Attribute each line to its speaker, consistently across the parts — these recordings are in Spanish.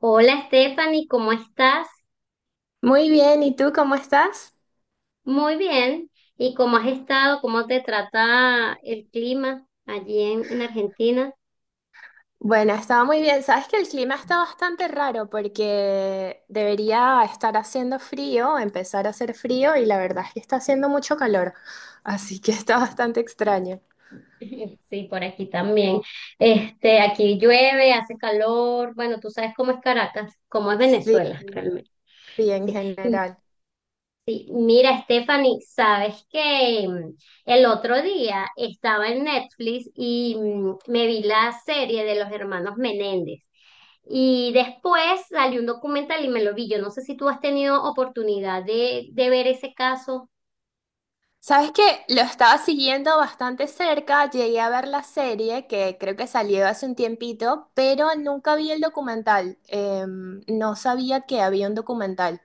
Speaker 1: Hola Stephanie, ¿cómo estás?
Speaker 2: Muy bien, ¿y tú cómo estás?
Speaker 1: Muy bien. ¿Y cómo has estado? ¿Cómo te trata el clima allí en Argentina?
Speaker 2: Bueno, estaba muy bien. Sabes que el clima está bastante raro porque debería estar haciendo frío, empezar a hacer frío y la verdad es que está haciendo mucho calor, así que está bastante extraño.
Speaker 1: Sí, por aquí también. Este, aquí llueve, hace calor. Bueno, tú sabes cómo es Caracas, cómo es
Speaker 2: Sí,
Speaker 1: Venezuela realmente.
Speaker 2: sí, en
Speaker 1: Sí.
Speaker 2: general.
Speaker 1: Sí, mira, Stephanie, sabes que el otro día estaba en Netflix y me vi la serie de los hermanos Menéndez. Y después salió un documental y me lo vi. Yo no sé si tú has tenido oportunidad de ver ese caso.
Speaker 2: Sabes que lo estaba siguiendo bastante cerca, llegué a ver la serie que creo que salió hace un tiempito, pero nunca vi el documental. No sabía que había un documental.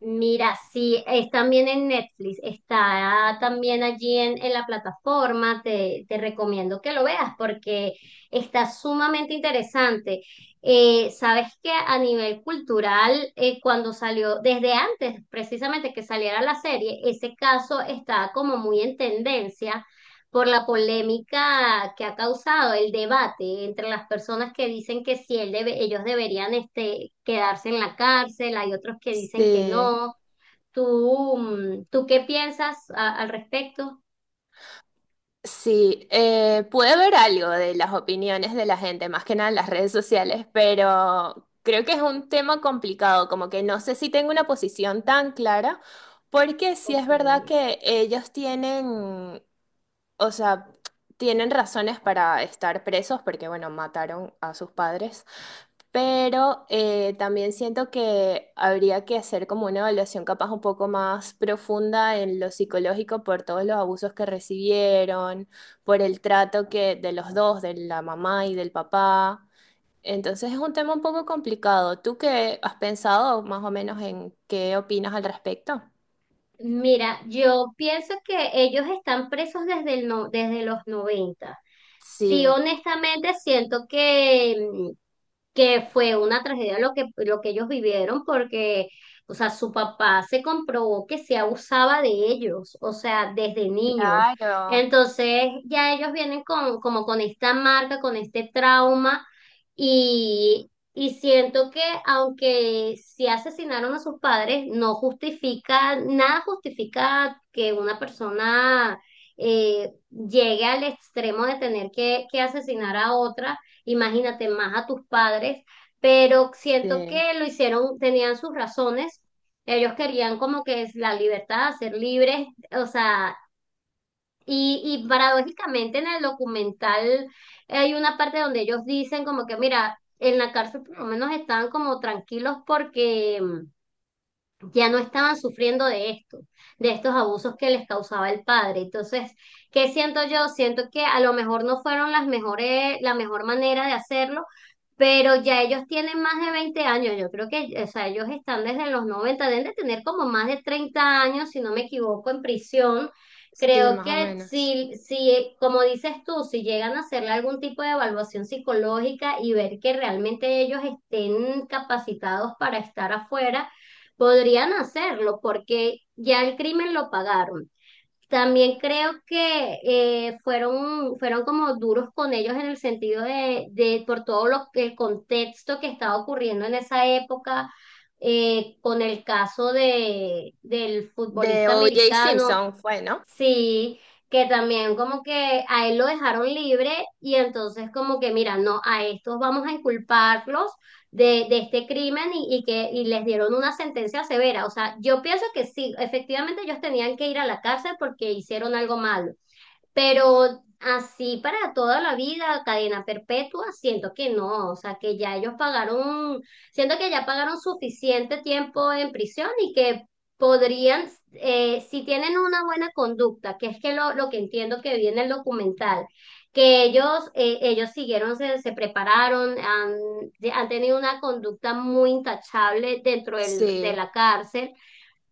Speaker 1: Mira, sí, es también en Netflix, está también allí en la plataforma, te recomiendo que lo veas porque está sumamente interesante. Sabes que a nivel cultural, cuando salió, desde antes precisamente que saliera la serie, ese caso estaba como muy en tendencia por la polémica que ha causado el debate entre las personas que dicen que sí, ellos deberían este, quedarse en la cárcel, hay otros que dicen que
Speaker 2: Sí.
Speaker 1: no. ¿Tú, tú qué piensas al respecto?
Speaker 2: Sí, pude ver algo de las opiniones de la gente, más que nada en las redes sociales, pero creo que es un tema complicado, como que no sé si tengo una posición tan clara, porque sí es
Speaker 1: Ok.
Speaker 2: verdad que ellos tienen, o sea, tienen razones para estar presos, porque bueno, mataron a sus padres, pero también siento que habría que hacer como una evaluación capaz un poco más profunda en lo psicológico por todos los abusos que recibieron, por el trato que de los dos, de la mamá y del papá. Entonces es un tema un poco complicado. ¿Tú qué has pensado más o menos en qué opinas al respecto?
Speaker 1: Mira, yo pienso que ellos están presos desde el no- desde los 90. Sí,
Speaker 2: Sí,
Speaker 1: honestamente siento que, que fue una tragedia lo que ellos vivieron porque, o sea, su papá se comprobó que se abusaba de ellos, o sea, desde niños.
Speaker 2: claro.
Speaker 1: Entonces, ya ellos vienen con, como con esta marca, con este trauma. Y siento que aunque sí asesinaron a sus padres, no justifica, nada justifica que una persona llegue al extremo de tener que asesinar a otra, imagínate más a tus padres, pero siento
Speaker 2: Sí,
Speaker 1: que lo hicieron, tenían sus razones, ellos querían como que es la libertad, ser libres, o sea, y paradójicamente en el documental hay una parte donde ellos dicen como que, mira, en la cárcel por lo menos estaban como tranquilos porque, ya no estaban sufriendo de esto, de estos abusos que les causaba el padre. Entonces, ¿qué siento yo? Siento que a lo mejor no fueron las mejores, la mejor manera de hacerlo, pero ya ellos tienen más de 20 años. Yo creo que, o sea, ellos están desde los 90, deben de tener como más de 30 años, si no me equivoco, en prisión.
Speaker 2: sí,
Speaker 1: Creo
Speaker 2: más o
Speaker 1: que
Speaker 2: menos.
Speaker 1: como dices tú, si llegan a hacerle algún tipo de evaluación psicológica y ver que realmente ellos estén capacitados para estar afuera, podrían hacerlo porque ya el crimen lo pagaron. También creo que fueron como duros con ellos en el sentido de por todo el contexto que estaba ocurriendo en esa época, con el caso del
Speaker 2: De
Speaker 1: futbolista
Speaker 2: O.J.
Speaker 1: americano.
Speaker 2: Simpson fue, ¿no?
Speaker 1: Sí, que también como que a él lo dejaron libre y entonces como que mira, no, a estos vamos a inculparlos de este crimen y les dieron una sentencia severa. O sea, yo pienso que sí, efectivamente ellos tenían que ir a la cárcel porque hicieron algo malo, pero así para toda la vida, cadena perpetua, siento que no, o sea, que ya ellos pagaron, siento que ya pagaron suficiente tiempo en prisión y que podrían, si tienen una buena conducta, que es que lo que entiendo que vi en el documental, que ellos, ellos siguieron, se prepararon, han, han tenido una conducta muy intachable de
Speaker 2: Sí,
Speaker 1: la cárcel.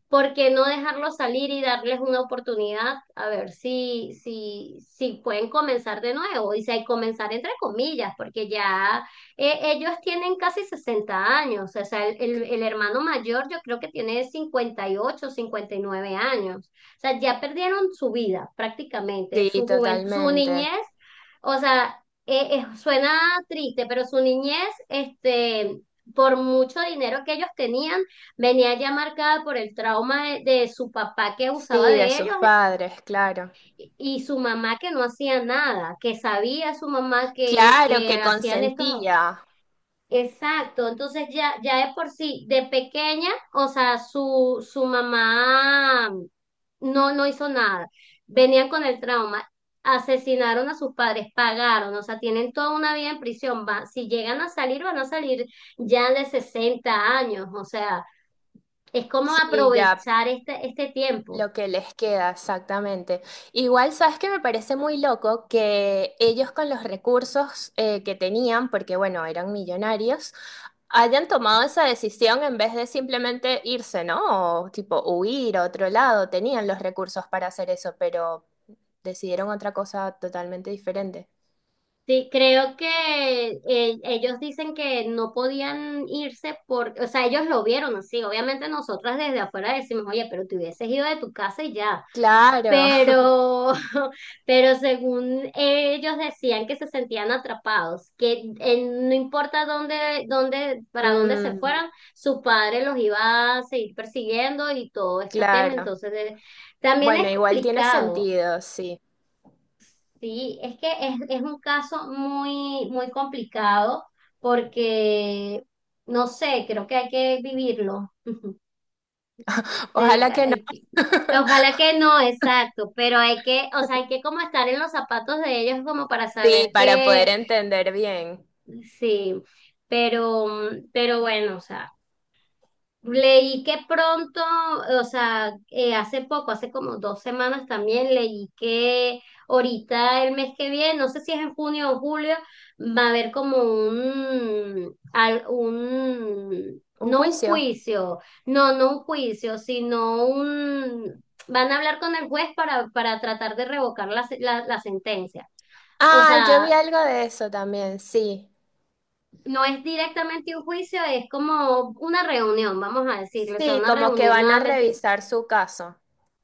Speaker 1: ¿Por qué no dejarlos salir y darles una oportunidad a ver si pueden comenzar de nuevo? Y si hay comenzar entre comillas, porque ya ellos tienen casi 60 años, o sea, el hermano mayor yo creo que tiene 50 58 59 años, o sea, ya perdieron su vida prácticamente,
Speaker 2: sí,
Speaker 1: su juventud, su niñez,
Speaker 2: totalmente.
Speaker 1: o sea, suena triste, pero su niñez, este, por mucho dinero que ellos tenían, venía ya marcada por el trauma de su papá que abusaba
Speaker 2: Sí, de
Speaker 1: de ellos
Speaker 2: sus
Speaker 1: y
Speaker 2: padres, claro.
Speaker 1: su mamá que no hacía nada, que sabía su mamá
Speaker 2: Claro
Speaker 1: que
Speaker 2: que
Speaker 1: hacían estos...
Speaker 2: consentía,
Speaker 1: Exacto, entonces ya de por sí, de pequeña, o sea, su mamá no hizo nada. Venían con el trauma, asesinaron a sus padres, pagaron, o sea, tienen toda una vida en prisión. Va, si llegan a salir, van a salir ya de 60 años, o sea, es como
Speaker 2: sí, ya
Speaker 1: aprovechar este tiempo.
Speaker 2: lo que les queda, exactamente. Igual, sabes que me parece muy loco que ellos con los recursos que tenían, porque bueno, eran millonarios, hayan tomado esa decisión en vez de simplemente irse, ¿no? O tipo huir a otro lado, tenían los recursos para hacer eso, pero decidieron otra cosa totalmente diferente.
Speaker 1: Sí, creo que ellos dicen que no podían irse porque, o sea, ellos lo vieron así. Obviamente nosotras desde afuera decimos, oye, pero te hubieses ido de tu casa y ya.
Speaker 2: Claro.
Speaker 1: Pero, pero según ellos decían que se sentían atrapados, que no importa para dónde se
Speaker 2: mm,
Speaker 1: fueran, su padre los iba a seguir persiguiendo y todo este tema.
Speaker 2: claro.
Speaker 1: Entonces, también
Speaker 2: Bueno,
Speaker 1: es
Speaker 2: igual tiene
Speaker 1: complicado.
Speaker 2: sentido, sí.
Speaker 1: Sí, es que es un caso muy complicado porque, no sé, creo que hay que vivirlo. Eh,
Speaker 2: Ojalá que no.
Speaker 1: hay que- ojalá que no, exacto, pero hay que, o sea, hay que como estar en los zapatos de ellos como para
Speaker 2: Sí,
Speaker 1: saber
Speaker 2: para
Speaker 1: que
Speaker 2: poder entender bien.
Speaker 1: sí, pero, pero bueno, o sea. Leí que pronto, o sea, hace poco, hace como 2 semanas también, leí que ahorita el mes que viene, no sé si es en junio o julio, va a haber como un,
Speaker 2: ¿Un
Speaker 1: no un
Speaker 2: juicio?
Speaker 1: juicio, no, no un juicio, sino un, van a hablar con el juez para tratar de revocar la, se- la la sentencia. O
Speaker 2: Ah, yo vi
Speaker 1: sea,
Speaker 2: algo de eso también, sí.
Speaker 1: no es directamente un juicio, es como una reunión, vamos a decirlo, o sea,
Speaker 2: Sí,
Speaker 1: una
Speaker 2: como que
Speaker 1: reunión
Speaker 2: van a
Speaker 1: nuevamente.
Speaker 2: revisar su caso.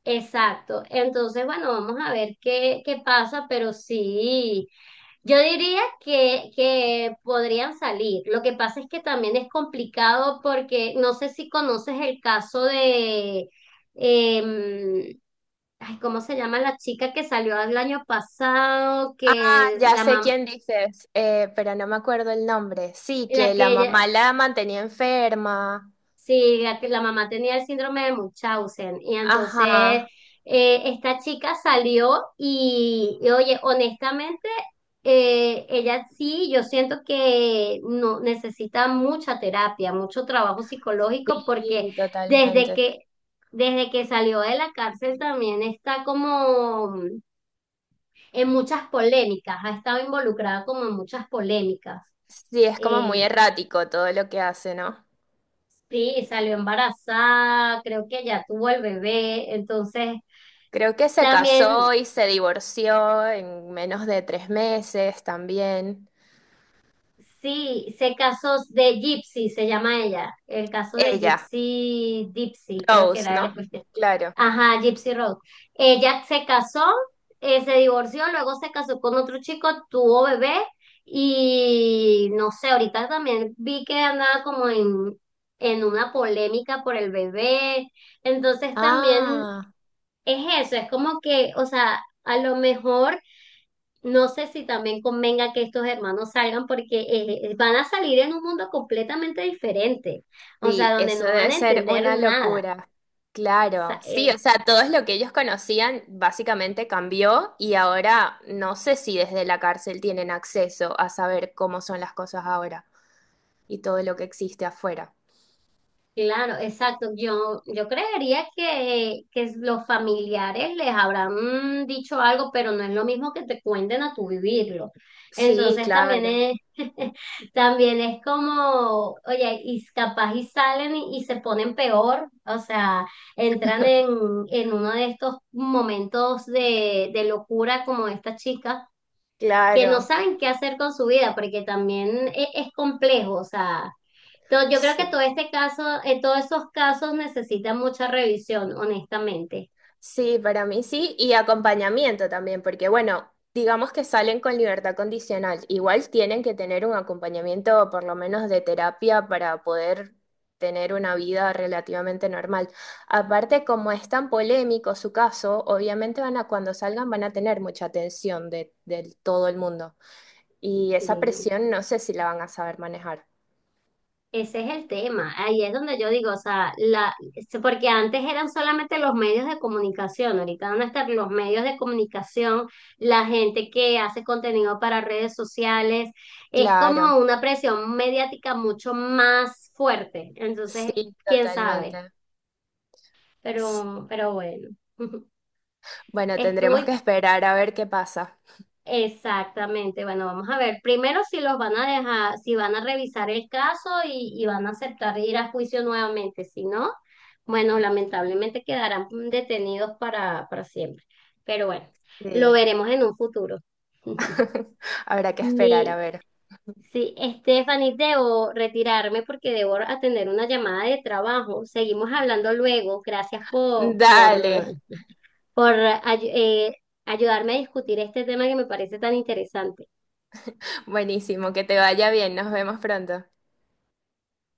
Speaker 1: Exacto. Entonces, bueno, vamos a ver qué pasa, pero sí, yo diría que podrían salir. Lo que pasa es que también es complicado porque no sé si conoces el caso de, em, ay, ¿cómo se llama la chica que salió el año pasado?
Speaker 2: Ah,
Speaker 1: Que
Speaker 2: ya
Speaker 1: la
Speaker 2: sé
Speaker 1: mamá,
Speaker 2: quién dices, pero no me acuerdo el nombre. Sí,
Speaker 1: la
Speaker 2: que la
Speaker 1: que ella,
Speaker 2: mamá la mantenía enferma.
Speaker 1: sí, la mamá tenía el síndrome de Munchausen y entonces
Speaker 2: Ajá,
Speaker 1: esta chica salió oye, honestamente, ella sí, yo siento que no necesita mucha terapia, mucho trabajo psicológico porque
Speaker 2: sí,
Speaker 1: desde
Speaker 2: totalmente.
Speaker 1: que desde que salió de la cárcel también está como en muchas polémicas, ha estado involucrada como en muchas polémicas.
Speaker 2: Sí, es como muy
Speaker 1: Eh,
Speaker 2: errático todo lo que hace, ¿no?
Speaker 1: Sí, salió embarazada, creo que ya tuvo el bebé, entonces
Speaker 2: Creo que se casó
Speaker 1: también
Speaker 2: y se divorció en menos de 3 meses también.
Speaker 1: sí, sé casos de Gypsy, se llama ella, el caso de
Speaker 2: Ella,
Speaker 1: Gypsy, Gypsy, creo que
Speaker 2: Rose,
Speaker 1: era la
Speaker 2: ¿no?
Speaker 1: cuestión.
Speaker 2: Claro.
Speaker 1: Ajá, Gypsy Rose. Ella se casó, se divorció, luego se casó con otro chico, tuvo bebé y no sé, ahorita también vi que andaba como en una polémica por el bebé. Entonces también
Speaker 2: Ah,
Speaker 1: es eso, es como que, o sea, a lo mejor no sé si también convenga que estos hermanos salgan porque van a salir en un mundo completamente diferente, o sea,
Speaker 2: sí,
Speaker 1: donde
Speaker 2: eso
Speaker 1: no van
Speaker 2: debe
Speaker 1: a
Speaker 2: ser
Speaker 1: entender
Speaker 2: una
Speaker 1: nada.
Speaker 2: locura. Claro, sí, o sea, todo es lo que ellos conocían básicamente cambió y ahora no sé si desde la cárcel tienen acceso a saber cómo son las cosas ahora y todo lo que existe afuera.
Speaker 1: Claro, exacto. Yo creería que los familiares les habrán dicho algo, pero no es lo mismo que te cuenten a tu vivirlo.
Speaker 2: Sí,
Speaker 1: Entonces también
Speaker 2: claro,
Speaker 1: es, también es como, oye, y capaz y salen y se ponen peor, o sea, entran en uno de estos momentos de locura como esta chica, que no
Speaker 2: claro.
Speaker 1: saben qué hacer con su vida, porque también es complejo, o sea. Entonces, yo creo que todo
Speaker 2: Sí.
Speaker 1: este caso, todos esos casos necesitan mucha revisión, honestamente.
Speaker 2: Sí, para mí sí, y acompañamiento también, porque bueno, digamos que salen con libertad condicional, igual tienen que tener un acompañamiento por lo menos de terapia para poder tener una vida relativamente normal. Aparte, como es tan polémico su caso, obviamente van a, cuando salgan van a tener mucha atención de todo el mundo y esa
Speaker 1: Sí.
Speaker 2: presión no sé si la van a saber manejar.
Speaker 1: Ese es el tema. Ahí es donde yo digo, o sea, la, porque antes eran solamente los medios de comunicación, ahorita van a estar los medios de comunicación, la gente que hace contenido para redes sociales, es como
Speaker 2: Claro,
Speaker 1: una presión mediática mucho más fuerte. Entonces,
Speaker 2: sí,
Speaker 1: quién sabe,
Speaker 2: totalmente. S-
Speaker 1: pero bueno.
Speaker 2: Bueno,
Speaker 1: Estuvo
Speaker 2: tendremos que esperar a ver qué pasa.
Speaker 1: exactamente, bueno, vamos a ver primero si los van a dejar, si van a revisar el caso y van a aceptar ir a juicio nuevamente, si no, bueno, lamentablemente quedarán detenidos para siempre, pero bueno, lo
Speaker 2: Sí.
Speaker 1: veremos en un futuro.
Speaker 2: Habrá que esperar, a
Speaker 1: Mi,
Speaker 2: ver.
Speaker 1: sí, Stephanie, debo retirarme porque debo atender una llamada de trabajo, seguimos hablando luego, gracias
Speaker 2: Dale.
Speaker 1: por ay- eh, ayudarme a discutir este tema que me parece tan interesante.
Speaker 2: Buenísimo, que te vaya bien. Nos vemos pronto.